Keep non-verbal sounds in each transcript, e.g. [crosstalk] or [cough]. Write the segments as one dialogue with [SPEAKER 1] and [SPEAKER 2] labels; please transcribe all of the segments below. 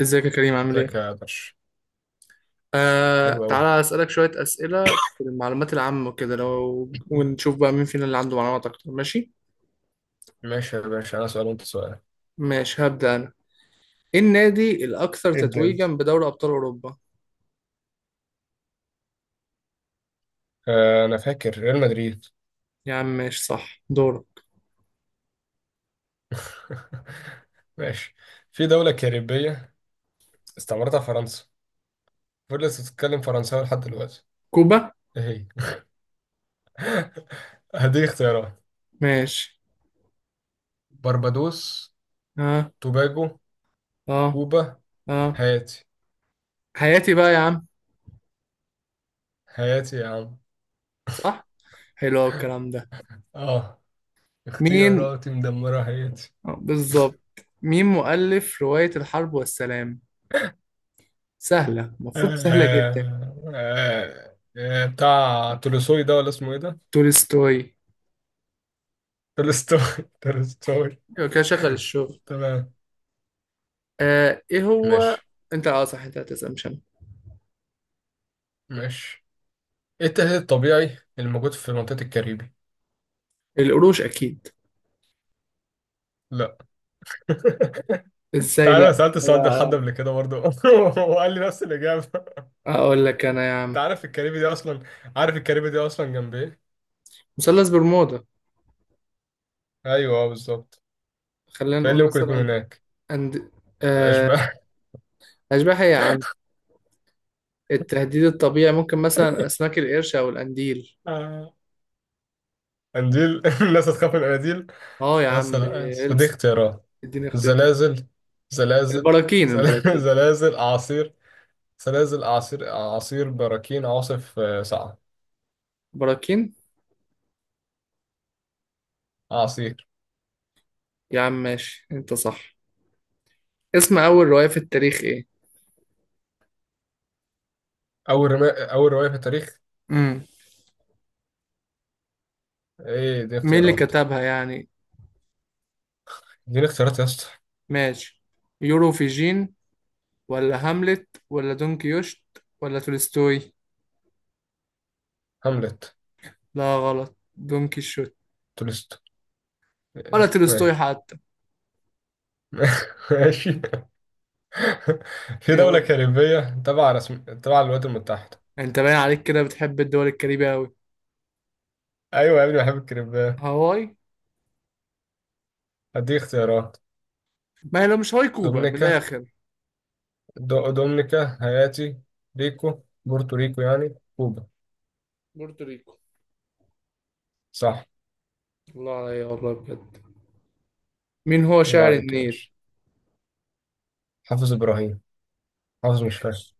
[SPEAKER 1] ازيك يا كريم؟ عامل
[SPEAKER 2] ازيك
[SPEAKER 1] ايه؟
[SPEAKER 2] يا باشا. حلو قوي.
[SPEAKER 1] تعالى اسألك شوية أسئلة في المعلومات العامة وكده، لو ونشوف بقى مين فينا اللي عنده معلومات أكتر، ماشي؟
[SPEAKER 2] ماشي يا باشا، انا سؤال وانت سؤال.
[SPEAKER 1] ماشي، هبدأ أنا. ايه النادي الأكثر
[SPEAKER 2] ابدأ انت.
[SPEAKER 1] تتويجا بدوري أبطال أوروبا؟
[SPEAKER 2] انا فاكر ريال مدريد.
[SPEAKER 1] يا عم ماشي، صح. دورك.
[SPEAKER 2] [laughs] ماشي. في دولة كاريبية استعمرتها فرنسا، فضلت تتكلم فرنساوي لحد دلوقتي.
[SPEAKER 1] كوبا؟
[SPEAKER 2] ايه هي؟ [laughs] هديك اختيارات:
[SPEAKER 1] ماشي.
[SPEAKER 2] بربادوس،
[SPEAKER 1] اه،
[SPEAKER 2] توباجو،
[SPEAKER 1] اه،
[SPEAKER 2] كوبا،
[SPEAKER 1] اه،
[SPEAKER 2] هايتي.
[SPEAKER 1] حياتي بقى يا عم.
[SPEAKER 2] هايتي يا عم.
[SPEAKER 1] صح؟ حلو أوي الكلام ده.
[SPEAKER 2] اه،
[SPEAKER 1] مين؟
[SPEAKER 2] اختياراتي مدمرة هايتي.
[SPEAKER 1] بالظبط. مين مؤلف رواية الحرب والسلام؟ سهلة، المفروض سهلة جدا.
[SPEAKER 2] آه، بتاع تولوسوي ده ولا اسمه ايه ده؟
[SPEAKER 1] تولستوي.
[SPEAKER 2] تولستوي. [laughs] تولستوي.
[SPEAKER 1] يبقى كده شغل الشغل.
[SPEAKER 2] تمام.
[SPEAKER 1] ايه هو؟
[SPEAKER 2] ماشي.
[SPEAKER 1] انت، اه، صح، انت هتسأل مش انا.
[SPEAKER 2] ماشي، ايه التهديد الطبيعي الموجود في منطقة الكاريبي؟
[SPEAKER 1] القروش اكيد.
[SPEAKER 2] لا. [laughs] انت
[SPEAKER 1] ازاي
[SPEAKER 2] عارف انا
[SPEAKER 1] لا
[SPEAKER 2] سألت السؤال ده
[SPEAKER 1] أنا-
[SPEAKER 2] لحد قبل كده برضه، [laughs] وقال لي نفس الإجابة.
[SPEAKER 1] اقول لك انا يا
[SPEAKER 2] انت
[SPEAKER 1] عم.
[SPEAKER 2] عارف الكاريبي دي اصلا، عارف الكاريبي دي اصلا جنب ايه؟
[SPEAKER 1] مثلث برمودا.
[SPEAKER 2] ايوه اه، بالظبط.
[SPEAKER 1] خلينا
[SPEAKER 2] فايه
[SPEAKER 1] نقول
[SPEAKER 2] اللي ممكن يكون
[SPEAKER 1] مثلا
[SPEAKER 2] هناك؟
[SPEAKER 1] أند... آه
[SPEAKER 2] اشباح. [laughs]
[SPEAKER 1] اشباح؟ إيه يا عم! التهديد الطبيعي ممكن مثلا اسماك القرش او القنديل.
[SPEAKER 2] آه. قنديل؟ [laughs] الناس هتخاف من القناديل.
[SPEAKER 1] اه يا
[SPEAKER 2] بس
[SPEAKER 1] عم
[SPEAKER 2] لا بس، دي
[SPEAKER 1] بيلسع.
[SPEAKER 2] اختيارات.
[SPEAKER 1] اديني اختيار.
[SPEAKER 2] زلازل، زلازل،
[SPEAKER 1] البراكين،
[SPEAKER 2] [laughs]
[SPEAKER 1] البراكين،
[SPEAKER 2] زلازل، اعاصير. سلاسل، أعاصير، أعاصير، براكين، عواصف، آه، صعب.
[SPEAKER 1] براكين.
[SPEAKER 2] أعاصير.
[SPEAKER 1] يا عم ماشي، انت صح. اسم اول رواية في التاريخ ايه؟
[SPEAKER 2] أول رواية في التاريخ؟
[SPEAKER 1] امم
[SPEAKER 2] إيه؟ دي
[SPEAKER 1] مين اللي
[SPEAKER 2] اختيارات.
[SPEAKER 1] كتبها يعني؟
[SPEAKER 2] دي اختيارات يا اسطى.
[SPEAKER 1] ماشي، يوروفيجين، ولا هاملت، ولا دون كيوشت، ولا تولستوي.
[SPEAKER 2] هاملت.
[SPEAKER 1] لا غلط، دون كيشوت،
[SPEAKER 2] تولستو.
[SPEAKER 1] ولا تولستوي
[SPEAKER 2] ماشي.
[SPEAKER 1] حتى.
[SPEAKER 2] [laughs] ماشي. في دولة
[SPEAKER 1] يلا.
[SPEAKER 2] كاريبية تبع رسم تبع الولايات المتحدة.
[SPEAKER 1] انت باين عليك كده بتحب الدول الكاريبية أوي.
[SPEAKER 2] أيوة يا ابني، بحب الكاريبيات.
[SPEAKER 1] هاواي.
[SPEAKER 2] هديك اختيارات:
[SPEAKER 1] ما هي لو مش هاواي، كوبا من
[SPEAKER 2] دومينيكا،
[SPEAKER 1] الآخر.
[SPEAKER 2] دومينيكا، هايتي، ريكو، بورتوريكو يعني كوبا.
[SPEAKER 1] بورتوريكو.
[SPEAKER 2] صح.
[SPEAKER 1] الله عليا، والله بجد. مين هو
[SPEAKER 2] الله
[SPEAKER 1] شاعر
[SPEAKER 2] عليك يا
[SPEAKER 1] النيل؟
[SPEAKER 2] باشا. حافظ إبراهيم. حافظ مش فاهم.
[SPEAKER 1] ماشي،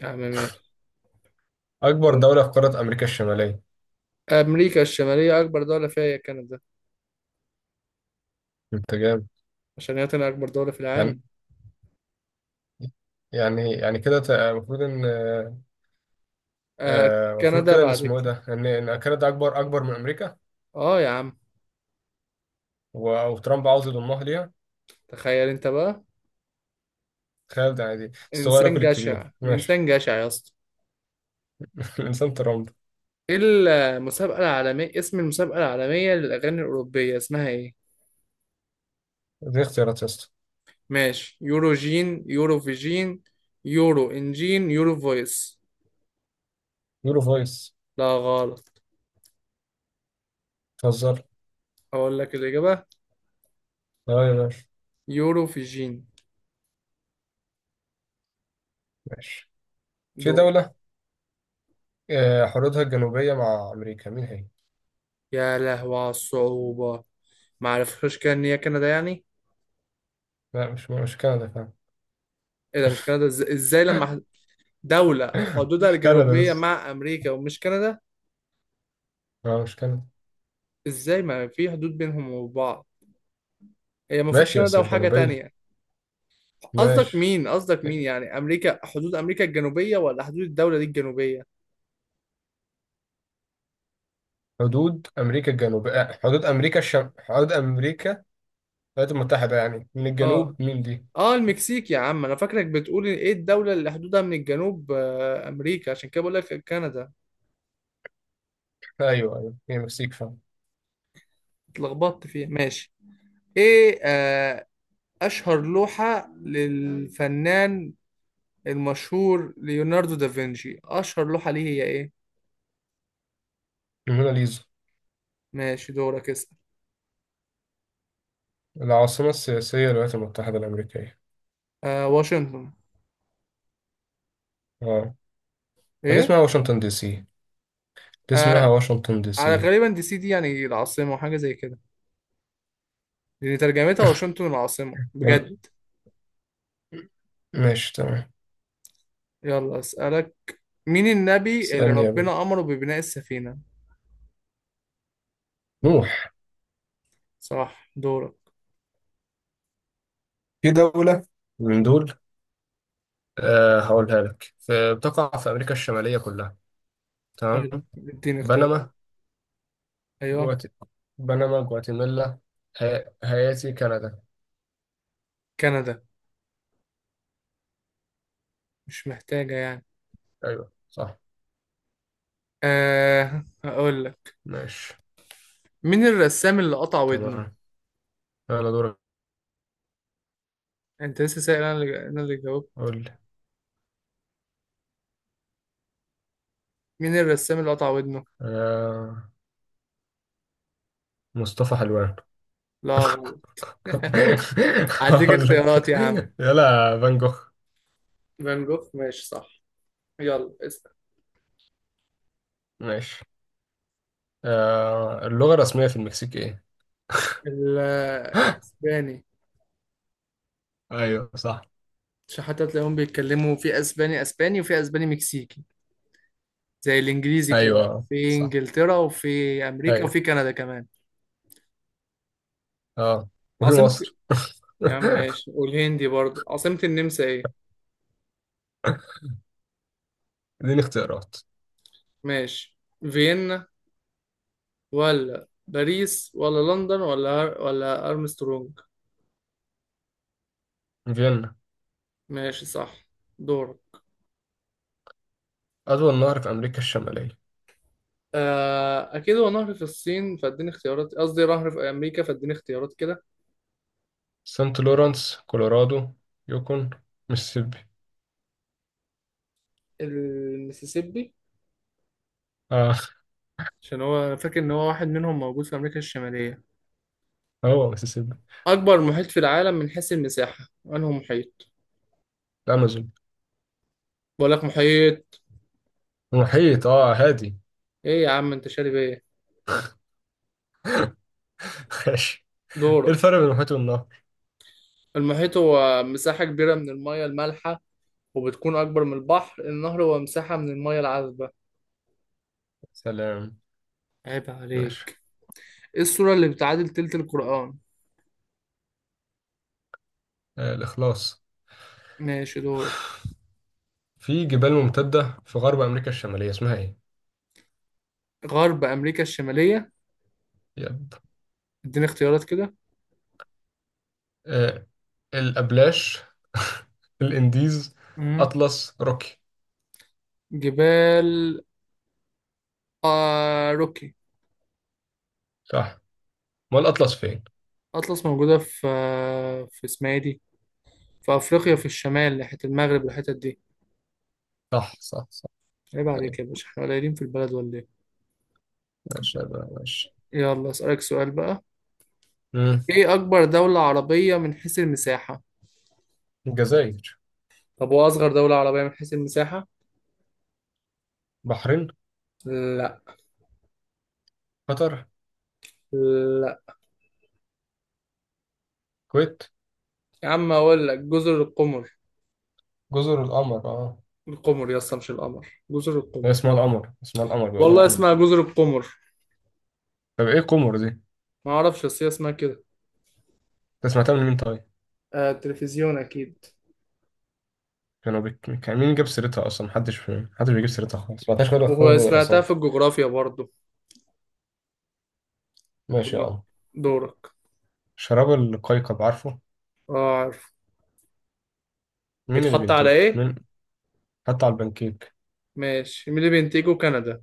[SPEAKER 1] يا عم ماشي.
[SPEAKER 2] أكبر دولة في قارة أمريكا الشمالية.
[SPEAKER 1] أمريكا الشمالية أكبر دولة فيها هي كندا.
[SPEAKER 2] انت جامد.
[SPEAKER 1] عشان هي تاني أكبر دولة في العالم.
[SPEAKER 2] يعني، يعني كده المفروض ان،
[SPEAKER 1] آه،
[SPEAKER 2] آه، المفروض
[SPEAKER 1] كندا
[SPEAKER 2] كده ان
[SPEAKER 1] بعد
[SPEAKER 2] اسمه ايه
[SPEAKER 1] كده.
[SPEAKER 2] ده، ان كندا اكبر من امريكا.
[SPEAKER 1] آه يا عم.
[SPEAKER 2] وترامب عاوز يضمها ليها.
[SPEAKER 1] تخيل أنت بقى.
[SPEAKER 2] تخيل ده، يعني دي الصغير
[SPEAKER 1] إنسان
[SPEAKER 2] ياكل
[SPEAKER 1] جشع،
[SPEAKER 2] الكبير. ماشي.
[SPEAKER 1] الإنسان جشع يا اسطى.
[SPEAKER 2] [laughs] الانسان ترامب.
[SPEAKER 1] ايه؟ المسابقة العالمية، اسم المسابقة العالمية للأغاني الأوروبية اسمها ايه؟
[SPEAKER 2] دي اختيارات يا اسطى.
[SPEAKER 1] ماشي، يورو فيجين، يورو انجين، يورو فويس.
[SPEAKER 2] يورو فويس.
[SPEAKER 1] لا غلط.
[SPEAKER 2] بتهزر.
[SPEAKER 1] أقول لك الإجابة،
[SPEAKER 2] اه يا باشا.
[SPEAKER 1] يورو فيجين.
[SPEAKER 2] ماشي. في
[SPEAKER 1] دول.
[SPEAKER 2] دولة، آه، حدودها الجنوبية مع امريكا، مين هي؟
[SPEAKER 1] يا لهوي على الصعوبة. معرفش، كده إن هي كندا يعني؟
[SPEAKER 2] لا، مش كندا، فاهم.
[SPEAKER 1] ايه ده مش كندا؟ دولة
[SPEAKER 2] [laughs]
[SPEAKER 1] حدودها
[SPEAKER 2] مش كندا
[SPEAKER 1] الجنوبية
[SPEAKER 2] بس.
[SPEAKER 1] مع أمريكا ومش كندا؟
[SPEAKER 2] اه، مش كندا.
[SPEAKER 1] ازاي ما في حدود بينهم وبعض؟ هي المفروض
[SPEAKER 2] ماشي، بس
[SPEAKER 1] كندا
[SPEAKER 2] مش
[SPEAKER 1] وحاجة
[SPEAKER 2] جنوبية.
[SPEAKER 1] تانية. قصدك
[SPEAKER 2] ماشي.
[SPEAKER 1] مين قصدك مين يعني، امريكا؟ حدود امريكا الجنوبيه، ولا حدود الدوله دي الجنوبيه؟
[SPEAKER 2] حدود امريكا الجنوب، آه، حدود امريكا حدود امريكا الولايات المتحده يعني، من
[SPEAKER 1] اه.
[SPEAKER 2] الجنوب مين دي؟
[SPEAKER 1] اه، المكسيك يا عم، انا فاكرك بتقول ايه الدوله اللي حدودها من الجنوب امريكا، عشان كده بقول لك كندا.
[SPEAKER 2] ايوه ايوه، هي المكسيك فعلا.
[SPEAKER 1] اتلخبطت فيها، ماشي. ايه؟ آه، اشهر لوحه للفنان المشهور ليوناردو دافنشي، اشهر لوحه ليه هي ايه؟
[SPEAKER 2] الموناليزا.
[SPEAKER 1] ماشي، دورك اسال.
[SPEAKER 2] العاصمه السياسيه للولايات المتحده الامريكيه.
[SPEAKER 1] آه، واشنطن.
[SPEAKER 2] اه. هي دي
[SPEAKER 1] ايه؟
[SPEAKER 2] اسمها واشنطن دي سي. دي اسمها
[SPEAKER 1] آه،
[SPEAKER 2] واشنطن دي سي.
[SPEAKER 1] على غالبا دي سي دي يعني العاصمه، وحاجه زي كده، لان ترجمتها
[SPEAKER 2] [laughs]
[SPEAKER 1] واشنطن العاصمه بجد.
[SPEAKER 2] وال- ماشي، تمام.
[SPEAKER 1] يلا أسألك. مين النبي اللي
[SPEAKER 2] اسالني يا بابا.
[SPEAKER 1] ربنا أمره ببناء السفينة؟
[SPEAKER 2] نوح.
[SPEAKER 1] صح، دورك.
[SPEAKER 2] في دوله من دول، آه، هقولها لك، في بتقع في امريكا الشماليه كلها. تمام.
[SPEAKER 1] حلو، اديني اختيارات.
[SPEAKER 2] بنما،
[SPEAKER 1] أيوه.
[SPEAKER 2] جوات، بنما، جواتيمالا، هايتي، كندا.
[SPEAKER 1] كندا، مش محتاجة يعني.
[SPEAKER 2] ايوه صح.
[SPEAKER 1] أه هقول لك.
[SPEAKER 2] ماشي،
[SPEAKER 1] مين الرسام اللي قطع ودنه؟
[SPEAKER 2] تمام. يلا دورك.
[SPEAKER 1] أنت لسه سائل، أنا اللي جاوبت.
[SPEAKER 2] قول لي.
[SPEAKER 1] مين الرسام اللي قطع ودنه؟
[SPEAKER 2] آه، مصطفى حلوان.
[SPEAKER 1] لا غلط. [laughs]
[SPEAKER 2] [laughs]
[SPEAKER 1] هديك
[SPEAKER 2] هقول
[SPEAKER 1] اختيارات
[SPEAKER 2] لك.
[SPEAKER 1] يا عم.
[SPEAKER 2] يلا، فان جوخ.
[SPEAKER 1] فان جوخ، ماشي صح. يلا اسأل.
[SPEAKER 2] ماشي. آه، اللغة الرسمية في المكسيك ايه؟
[SPEAKER 1] ال- الأسباني.
[SPEAKER 2] ايوه صح.
[SPEAKER 1] عشان حتى تلاقيهم بيتكلموا في أسباني أسباني، وفي أسباني مكسيكي. زي الانجليزي كده،
[SPEAKER 2] ايوه
[SPEAKER 1] في
[SPEAKER 2] صح.
[SPEAKER 1] انجلترا وفي امريكا
[SPEAKER 2] ايوه.
[SPEAKER 1] وفي كندا كمان.
[SPEAKER 2] اه. وفي
[SPEAKER 1] عاصمة؟
[SPEAKER 2] مصر.
[SPEAKER 1] يا عم
[SPEAKER 2] [laughs]
[SPEAKER 1] ماشي، والهندي برضه. عاصمة النمسا ايه؟
[SPEAKER 2] اديني اختيارات.
[SPEAKER 1] ماشي، فيينا، ولا باريس، ولا لندن، ولا ولا ارمسترونج.
[SPEAKER 2] فيينا.
[SPEAKER 1] ماشي صح. دور.
[SPEAKER 2] أطول نهر في أمريكا الشمالية.
[SPEAKER 1] آه اكيد هو نهر في الصين، فاديني اختيارات. قصدي نهر في امريكا، فاديني اختيارات كده.
[SPEAKER 2] سانت لورانس، كولورادو، يوكون، ميسيسيبي.
[SPEAKER 1] المسيسيبي.
[SPEAKER 2] اه،
[SPEAKER 1] عشان هو، أنا فاكر ان هو واحد منهم موجود في امريكا الشمالية.
[SPEAKER 2] هو ميسيسيبي.
[SPEAKER 1] اكبر محيط في العالم من حيث المساحة، انه محيط.
[SPEAKER 2] الأمازون.
[SPEAKER 1] بقول لك محيط.
[SPEAKER 2] المحيط، اه، هادي.
[SPEAKER 1] ايه يا عم انت شارب ايه؟
[SPEAKER 2] [laughs] ماشي. ايه
[SPEAKER 1] دورك.
[SPEAKER 2] الفرق بين المحيط والنهر؟
[SPEAKER 1] المحيط هو مساحة كبيرة من المية المالحة، وبتكون أكبر من البحر. النهر هو مساحة من المية العذبة.
[SPEAKER 2] سلام.
[SPEAKER 1] عيب
[SPEAKER 2] ماشي.
[SPEAKER 1] عليك. ايه السورة اللي بتعادل تلت القرآن؟
[SPEAKER 2] آه، الإخلاص.
[SPEAKER 1] ماشي، دورك.
[SPEAKER 2] في جبال ممتدة في غرب أمريكا الشمالية، اسمها ايه؟
[SPEAKER 1] غرب أمريكا الشمالية.
[SPEAKER 2] يب.
[SPEAKER 1] اديني اختيارات كده.
[SPEAKER 2] آه، الأبلاش، [laughs] الإنديز،
[SPEAKER 1] مم.
[SPEAKER 2] أطلس، روكي.
[SPEAKER 1] جبال، آه، روكي.
[SPEAKER 2] صح. ما الأطلس فين؟
[SPEAKER 1] أطلس موجودة في، في، اسمها ايه دي، في أفريقيا في الشمال ناحية المغرب والحتت دي.
[SPEAKER 2] صح صح صح.
[SPEAKER 1] عيب عليك
[SPEAKER 2] أيوة.
[SPEAKER 1] يا باشا، احنا قليلين في البلد ولا ايه؟
[SPEAKER 2] ماشي، يبقى ماشي.
[SPEAKER 1] يلا أسألك سؤال بقى.
[SPEAKER 2] مم.
[SPEAKER 1] ايه اكبر دولة عربية من حيث المساحة؟
[SPEAKER 2] الجزائر.
[SPEAKER 1] طب هو اصغر دولة عربية من حيث المساحة؟
[SPEAKER 2] بحرين.
[SPEAKER 1] لا.
[SPEAKER 2] قطر.
[SPEAKER 1] لا.
[SPEAKER 2] الكويت.
[SPEAKER 1] يا عم اقول لك جزر القمر.
[SPEAKER 2] جزر القمر اه.
[SPEAKER 1] القمر يا اسطى؟ مش القمر، جزر
[SPEAKER 2] هي
[SPEAKER 1] القمر.
[SPEAKER 2] اسمها القمر، اسمها القمر، بيقولوها
[SPEAKER 1] والله
[SPEAKER 2] قمر.
[SPEAKER 1] اسمها جزر القمر.
[SPEAKER 2] طب ايه قمر دي؟
[SPEAKER 1] ما اعرفش، بس هي اسمها كده.
[SPEAKER 2] انت سمعتها من مين طيب؟
[SPEAKER 1] آه التلفزيون اكيد.
[SPEAKER 2] كان مين جاب سيرتها اصلا، محدش بيجيب سيرتها خالص، ما غير
[SPEAKER 1] وهو
[SPEAKER 2] خالص
[SPEAKER 1] سمعتها في
[SPEAKER 2] دراسات.
[SPEAKER 1] الجغرافيا برضو.
[SPEAKER 2] ماشي يا عم.
[SPEAKER 1] دورك.
[SPEAKER 2] شراب القيقب، عارفه؟
[SPEAKER 1] اه عارف.
[SPEAKER 2] مين اللي
[SPEAKER 1] بيتحط على
[SPEAKER 2] بينتجه
[SPEAKER 1] ايه؟
[SPEAKER 2] مين؟ حتى على البنكيك.
[SPEAKER 1] ماشي، مين اللي بينتجه، كندا.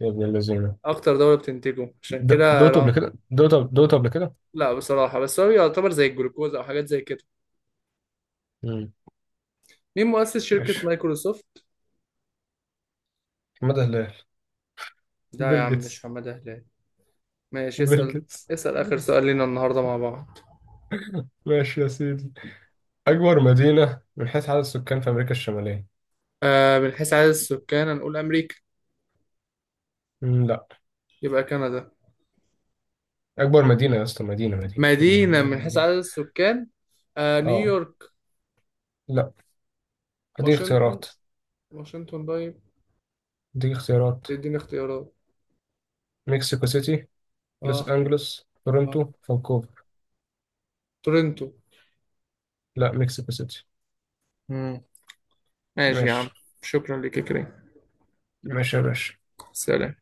[SPEAKER 2] يا ابن اللذينه.
[SPEAKER 1] اكتر دولة بتنتجه عشان كده.
[SPEAKER 2] دوقته قبل
[SPEAKER 1] لا.
[SPEAKER 2] كده، دوقته قبل كده.
[SPEAKER 1] لا بصراحة، بس هو يعتبر زي الجلوكوز او حاجات زي كده.
[SPEAKER 2] مم.
[SPEAKER 1] مين مؤسس شركة
[SPEAKER 2] ماشي.
[SPEAKER 1] مايكروسوفت؟
[SPEAKER 2] مدى هلال.
[SPEAKER 1] لا يا
[SPEAKER 2] بيل
[SPEAKER 1] عم، مش
[SPEAKER 2] جيتس.
[SPEAKER 1] حمادة هلال. ماشي،
[SPEAKER 2] بيل
[SPEAKER 1] اسأل.
[SPEAKER 2] جيتس.
[SPEAKER 1] اسأل آخر سؤال لينا النهاردة مع بعض.
[SPEAKER 2] ماشي يا سيدي. اكبر مدينه من حيث عدد السكان في امريكا الشماليه.
[SPEAKER 1] آه، من حيث عدد السكان، هنقول أمريكا.
[SPEAKER 2] مم، لا.
[SPEAKER 1] يبقى كندا.
[SPEAKER 2] اكبر مدينه يا اسطى، مدينه مدينه مدينه
[SPEAKER 1] مدينة،
[SPEAKER 2] مدينه
[SPEAKER 1] من حيث
[SPEAKER 2] مدينه.
[SPEAKER 1] عدد السكان. آه،
[SPEAKER 2] اه.
[SPEAKER 1] نيويورك.
[SPEAKER 2] لا. اديك
[SPEAKER 1] واشنطن،
[SPEAKER 2] اختيارات.
[SPEAKER 1] واشنطن طيب.
[SPEAKER 2] اديك اختيارات.
[SPEAKER 1] اديني اختيارات.
[SPEAKER 2] مكسيكو سيتي، لوس
[SPEAKER 1] اه.
[SPEAKER 2] أنجلوس،
[SPEAKER 1] اه،
[SPEAKER 2] تورنتو، فانكوفر.
[SPEAKER 1] تورنتو.
[SPEAKER 2] لا، مكسيكو سيتي.
[SPEAKER 1] مم. ماشي يا
[SPEAKER 2] ماشي.
[SPEAKER 1] عم. شكرا لك يا كريم.
[SPEAKER 2] ماشي يا باشا.
[SPEAKER 1] سلام.